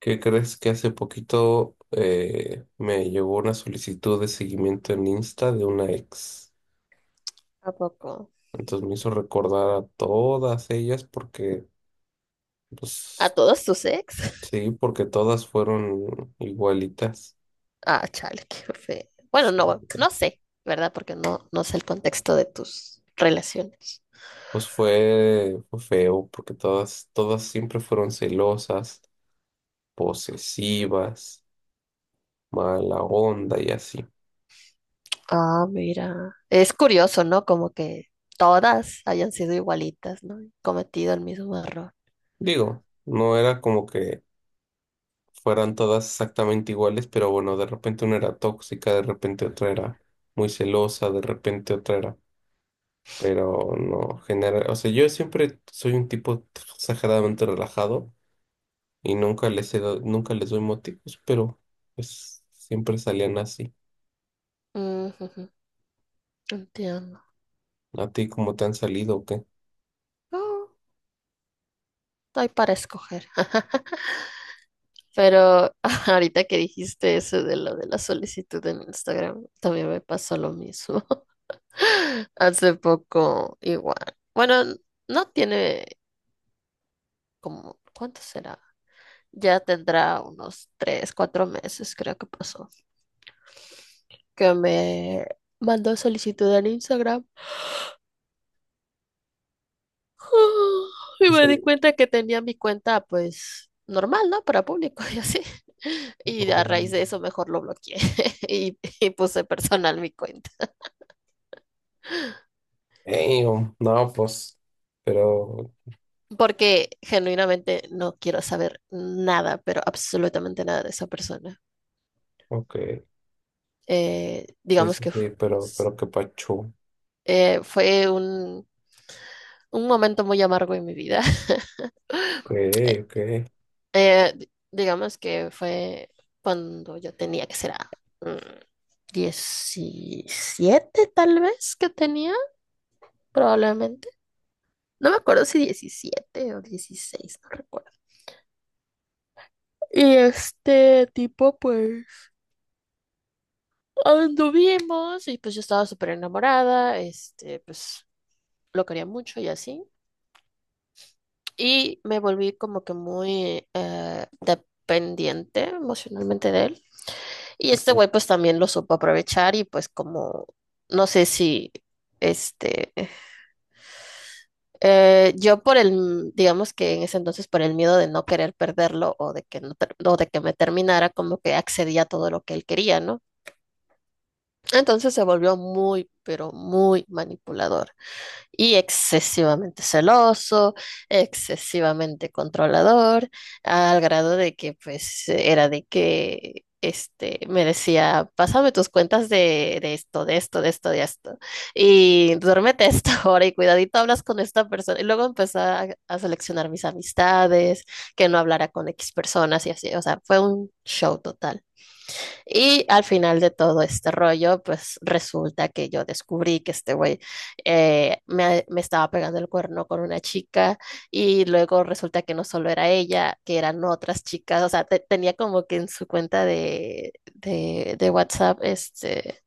¿Qué crees que hace poquito me llegó una solicitud de seguimiento en Insta de una ex? ¿A poco? Entonces me hizo recordar a todas ellas porque, ¿A pues todos tus ex? sí, porque todas fueron igualitas. Ah, chale, qué feo. O Bueno, sea, no, no sé, ¿verdad? Porque no sé el contexto de tus relaciones. pues fue feo porque todas siempre fueron celosas, posesivas, mala onda y así. Ah, mira. Es curioso, ¿no? Como que todas hayan sido igualitas, ¿no? Cometido el mismo error. Digo, no era como que fueran todas exactamente iguales, pero bueno, de repente una era tóxica, de repente otra era muy celosa, de repente otra era, pero no genera, o sea, yo siempre soy un tipo exageradamente relajado y nunca les doy motivos, pero pues siempre salían así. Mm, ujú, entiendo. ¿A ti cómo te han salido o qué? Oh, hay para escoger. Pero ahorita que dijiste eso de lo de la solicitud en Instagram, también me pasó lo mismo. Hace poco igual. Bueno, no tiene como, ¿cuánto será? Ya tendrá unos tres, cuatro meses, creo que pasó, que me mandó solicitud en Instagram. Y Y me di sale- cuenta que tenía mi cuenta, pues, normal, ¿no? Para público y así. Y a raíz um, de eso mejor lo bloqueé y puse personal mi cuenta. No, pues, pero, Porque genuinamente no quiero saber nada, pero absolutamente nada de esa persona. ok, sí, Digamos sí, que sí, pero, s- pero qué pacho, ok, fue un momento muy amargo en mi vida. Eh, ok. Digamos que fue cuando yo tenía que ser 17 tal vez que tenía, probablemente. No me acuerdo si 17 o 16, no recuerdo. Y este tipo, pues, anduvimos y pues yo estaba súper enamorada, este, pues lo quería mucho y así. Y me volví como que muy dependiente emocionalmente de él. Y este güey pues también lo supo aprovechar y pues como, no sé si, este, yo por el, digamos que en ese entonces por el miedo de no querer perderlo o de que no, o de que me terminara, como que accedía a todo lo que él quería, ¿no? Entonces se volvió muy, pero muy manipulador, y excesivamente celoso, excesivamente controlador, al grado de que pues era de que este me decía, pásame tus cuentas de esto, de esto, de esto, de esto, y duérmete a esta hora y cuidadito hablas con esta persona. Y luego empecé a seleccionar mis amistades, que no hablara con X personas y así, o sea, fue un show total. Y al final de todo este rollo, pues resulta que yo descubrí que este güey me estaba pegando el cuerno con una chica y luego resulta que no solo era ella, que eran otras chicas, o sea, tenía como que en su cuenta de WhatsApp, este,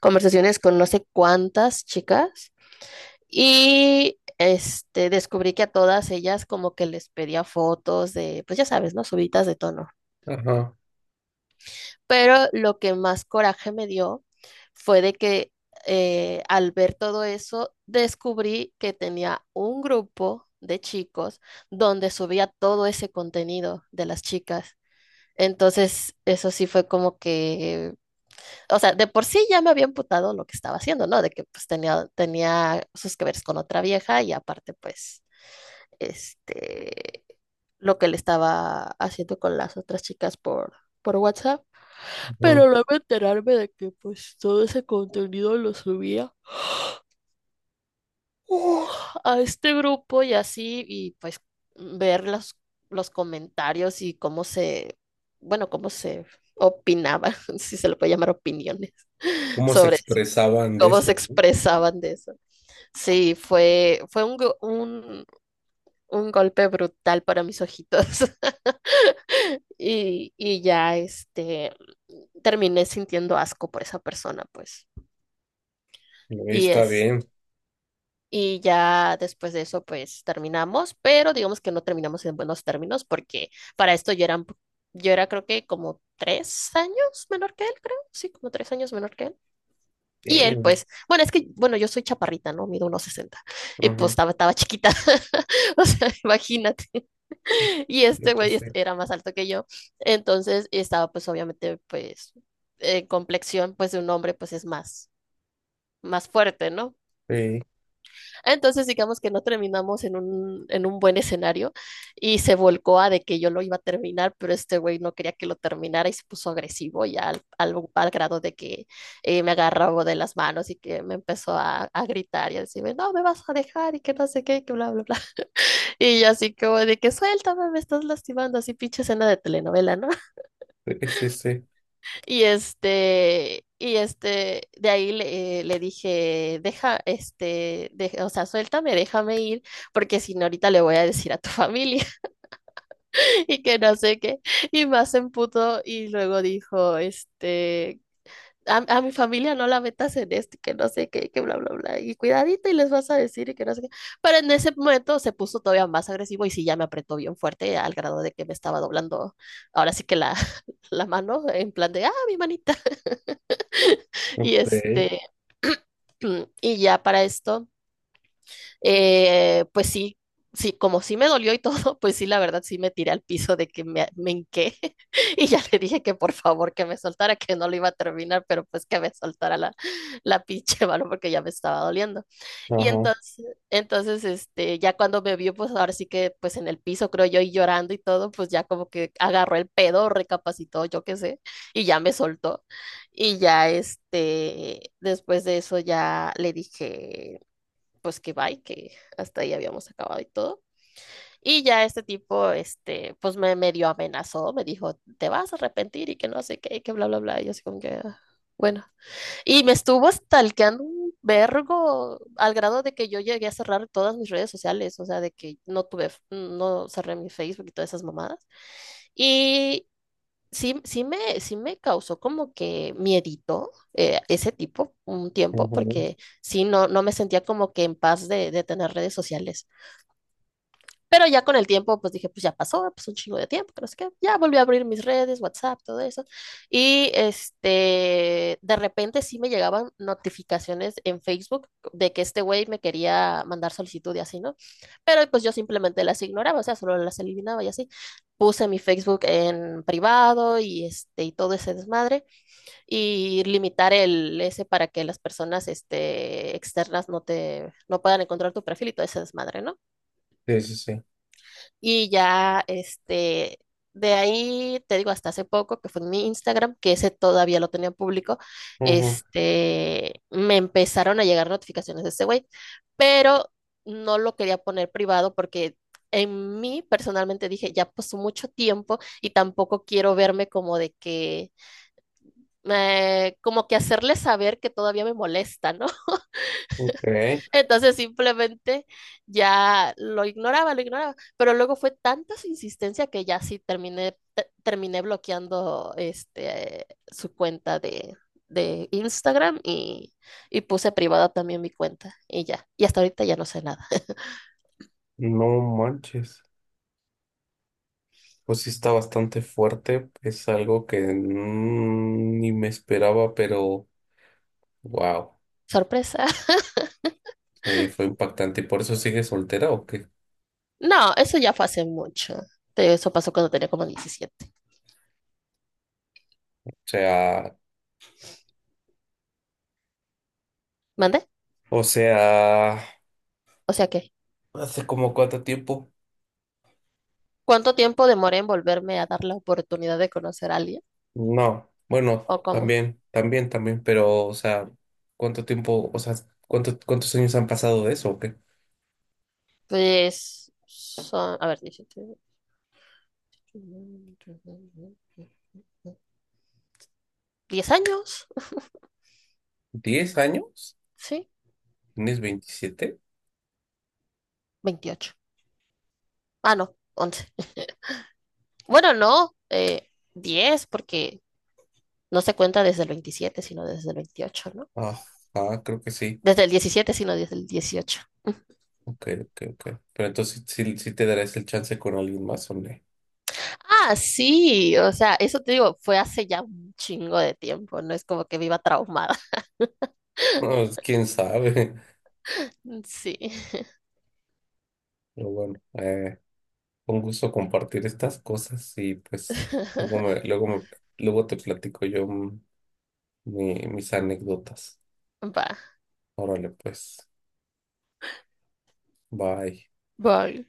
conversaciones con no sé cuántas chicas y este, descubrí que a todas ellas como que les pedía fotos de, pues ya sabes, ¿no? Subitas de tono. Ajá, Pero lo que más coraje me dio fue de que al ver todo eso, descubrí que tenía un grupo de chicos donde subía todo ese contenido de las chicas. Entonces, eso sí fue como que, o sea, de por sí ya me había imputado lo que estaba haciendo, ¿no? De que pues tenía sus que veres con otra vieja y aparte, pues, este, lo que le estaba haciendo con las otras chicas por WhatsApp. ajá. Pero luego enterarme de que pues todo ese contenido lo subía uh, a este grupo y así, y pues ver los comentarios y cómo se, bueno, cómo se opinaban, si se le puede llamar opiniones, Cómo se sobre expresaban de cómo eso, se ¿no? expresaban de eso. Sí, fue un golpe brutal para mis ojitos. Y ya este terminé sintiendo asco por esa persona, pues. No, Y está es. bien, Y ya después de eso, pues terminamos, pero digamos que no terminamos en buenos términos porque para esto yo era, yo era creo que como 3 años menor que él, creo, sí, como 3 años menor que él. Y él, bien, pues, bueno, es que, bueno, yo soy chaparrita, ¿no? Mido unos 60 y pues ajá, estaba chiquita, o sea, imagínate. Y sí, este güey pues sí, era más alto que yo, entonces estaba pues obviamente pues en complexión pues de un hombre pues es más, más fuerte, ¿no? sí, Entonces, digamos que no terminamos en en un buen escenario y se volcó a de que yo lo iba a terminar, pero este güey no quería que lo terminara y se puso agresivo ya al grado de que me agarró de las manos y que me empezó gritar y a decirme, no, me vas a dejar y que no sé qué, y que bla, bla, bla. Y yo así como de que suéltame, me estás lastimando, así pinche escena de telenovela, ¿no? sí, sí, sí, De ahí le, le dije, deja, este, o sea, suéltame, déjame ir, porque si no ahorita le voy a decir a tu familia y que no sé qué. Y más se emputó y luego dijo, este, a mi familia no la metas en este, que no sé qué, que bla, bla, bla, y cuidadito y les vas a decir y que no sé qué. Pero en ese momento se puso todavía más agresivo y sí, ya me apretó bien fuerte al grado de que me estaba doblando, ahora sí que la mano, en plan de, ah, mi manita. Y ok, este, y ya para esto pues sí, sí, como sí me dolió y todo, pues sí, la verdad sí me tiré al piso de que me hinqué y ya le dije que por favor que me soltara, que no lo iba a terminar, pero pues que me soltara la pinche mano porque ya me estaba doliendo. Y ajá, entonces, entonces, este, ya cuando me vio, pues ahora sí que pues en el piso, creo yo, y llorando y todo, pues ya como que agarró el pedo, recapacitó, yo qué sé, y ya me soltó. Y ya, este, después de eso ya le dije pues que bye, que hasta ahí habíamos acabado y todo. Y ya este tipo, este, pues me medio amenazó, me dijo, te vas a arrepentir y que no sé qué, y que bla, bla, bla. Y yo así como que, "Ah, bueno." Y me estuvo stalkeando un vergo al grado de que yo llegué a cerrar todas mis redes sociales, o sea, de que no tuve, no cerré mi Facebook y todas esas mamadas. Y sí, sí me causó como que miedito ese tipo, un tiempo, ajá, porque sí, no me sentía como que en paz de tener redes sociales. Pero ya con el tiempo, pues dije, pues ya pasó, pues un chingo de tiempo, pero es que ya volví a abrir mis redes, WhatsApp, todo eso. Y este, de repente sí me llegaban notificaciones en Facebook de que este güey me quería mandar solicitud y así, ¿no? Pero pues yo simplemente las ignoraba, o sea, solo las eliminaba y así. Puse mi Facebook en privado y este, y todo ese desmadre y limitar el ese para que las personas este, externas no puedan encontrar tu perfil y todo ese desmadre, ¿no? sí, sí, sí, Y ya, este, de ahí, te digo, hasta hace poco, que fue en mi Instagram, que ese todavía lo tenía público, ajá, este, me empezaron a llegar notificaciones de ese güey, pero no lo quería poner privado porque en mí personalmente dije, ya pasó mucho tiempo y tampoco quiero verme como de que, como que hacerle saber que todavía me molesta, ¿no? ok, Entonces simplemente lo ignoraba. Pero luego fue tanta su insistencia que ya sí terminé bloqueando este, su cuenta de Instagram y puse privada también mi cuenta y ya. Y hasta ahorita ya no sé nada. no manches, pues sí está bastante fuerte, es algo que ni me esperaba, pero wow, Sorpresa. sí, fue impactante. ¿Y por eso sigue soltera o qué? No, eso ya fue hace mucho. Eso pasó cuando tenía como 17. sea, ¿Mandé? o sea, O sea que, ¿hace como cuánto tiempo? ¿cuánto tiempo demoré en volverme a dar la oportunidad de conocer a alguien? No, bueno, ¿O cómo? también, también, también, pero, o sea, ¿cuánto tiempo, o sea, cuántos años han pasado de eso o qué? Pues son, a ver, 17. ¿10 años? ¿10 años? Sí, ¿Tienes 27? 28. Ah, no, 11. Bueno, no, 10 porque no se cuenta desde el 27, sino desde el 28, ¿no? Ajá, creo que sí. Desde el 17, sino desde el 18. Ok, ok, ok. Pero entonces sí, sí te darás el chance con alguien más o no. Ah, sí, o sea, eso te digo, fue hace ya un chingo de tiempo, no es como que viva traumada. No, quién sabe. Sí. Pero bueno, un gusto compartir estas cosas y pues luego me, luego me, luego te platico yo mis anécdotas. Va. Órale, pues, bye. Vale.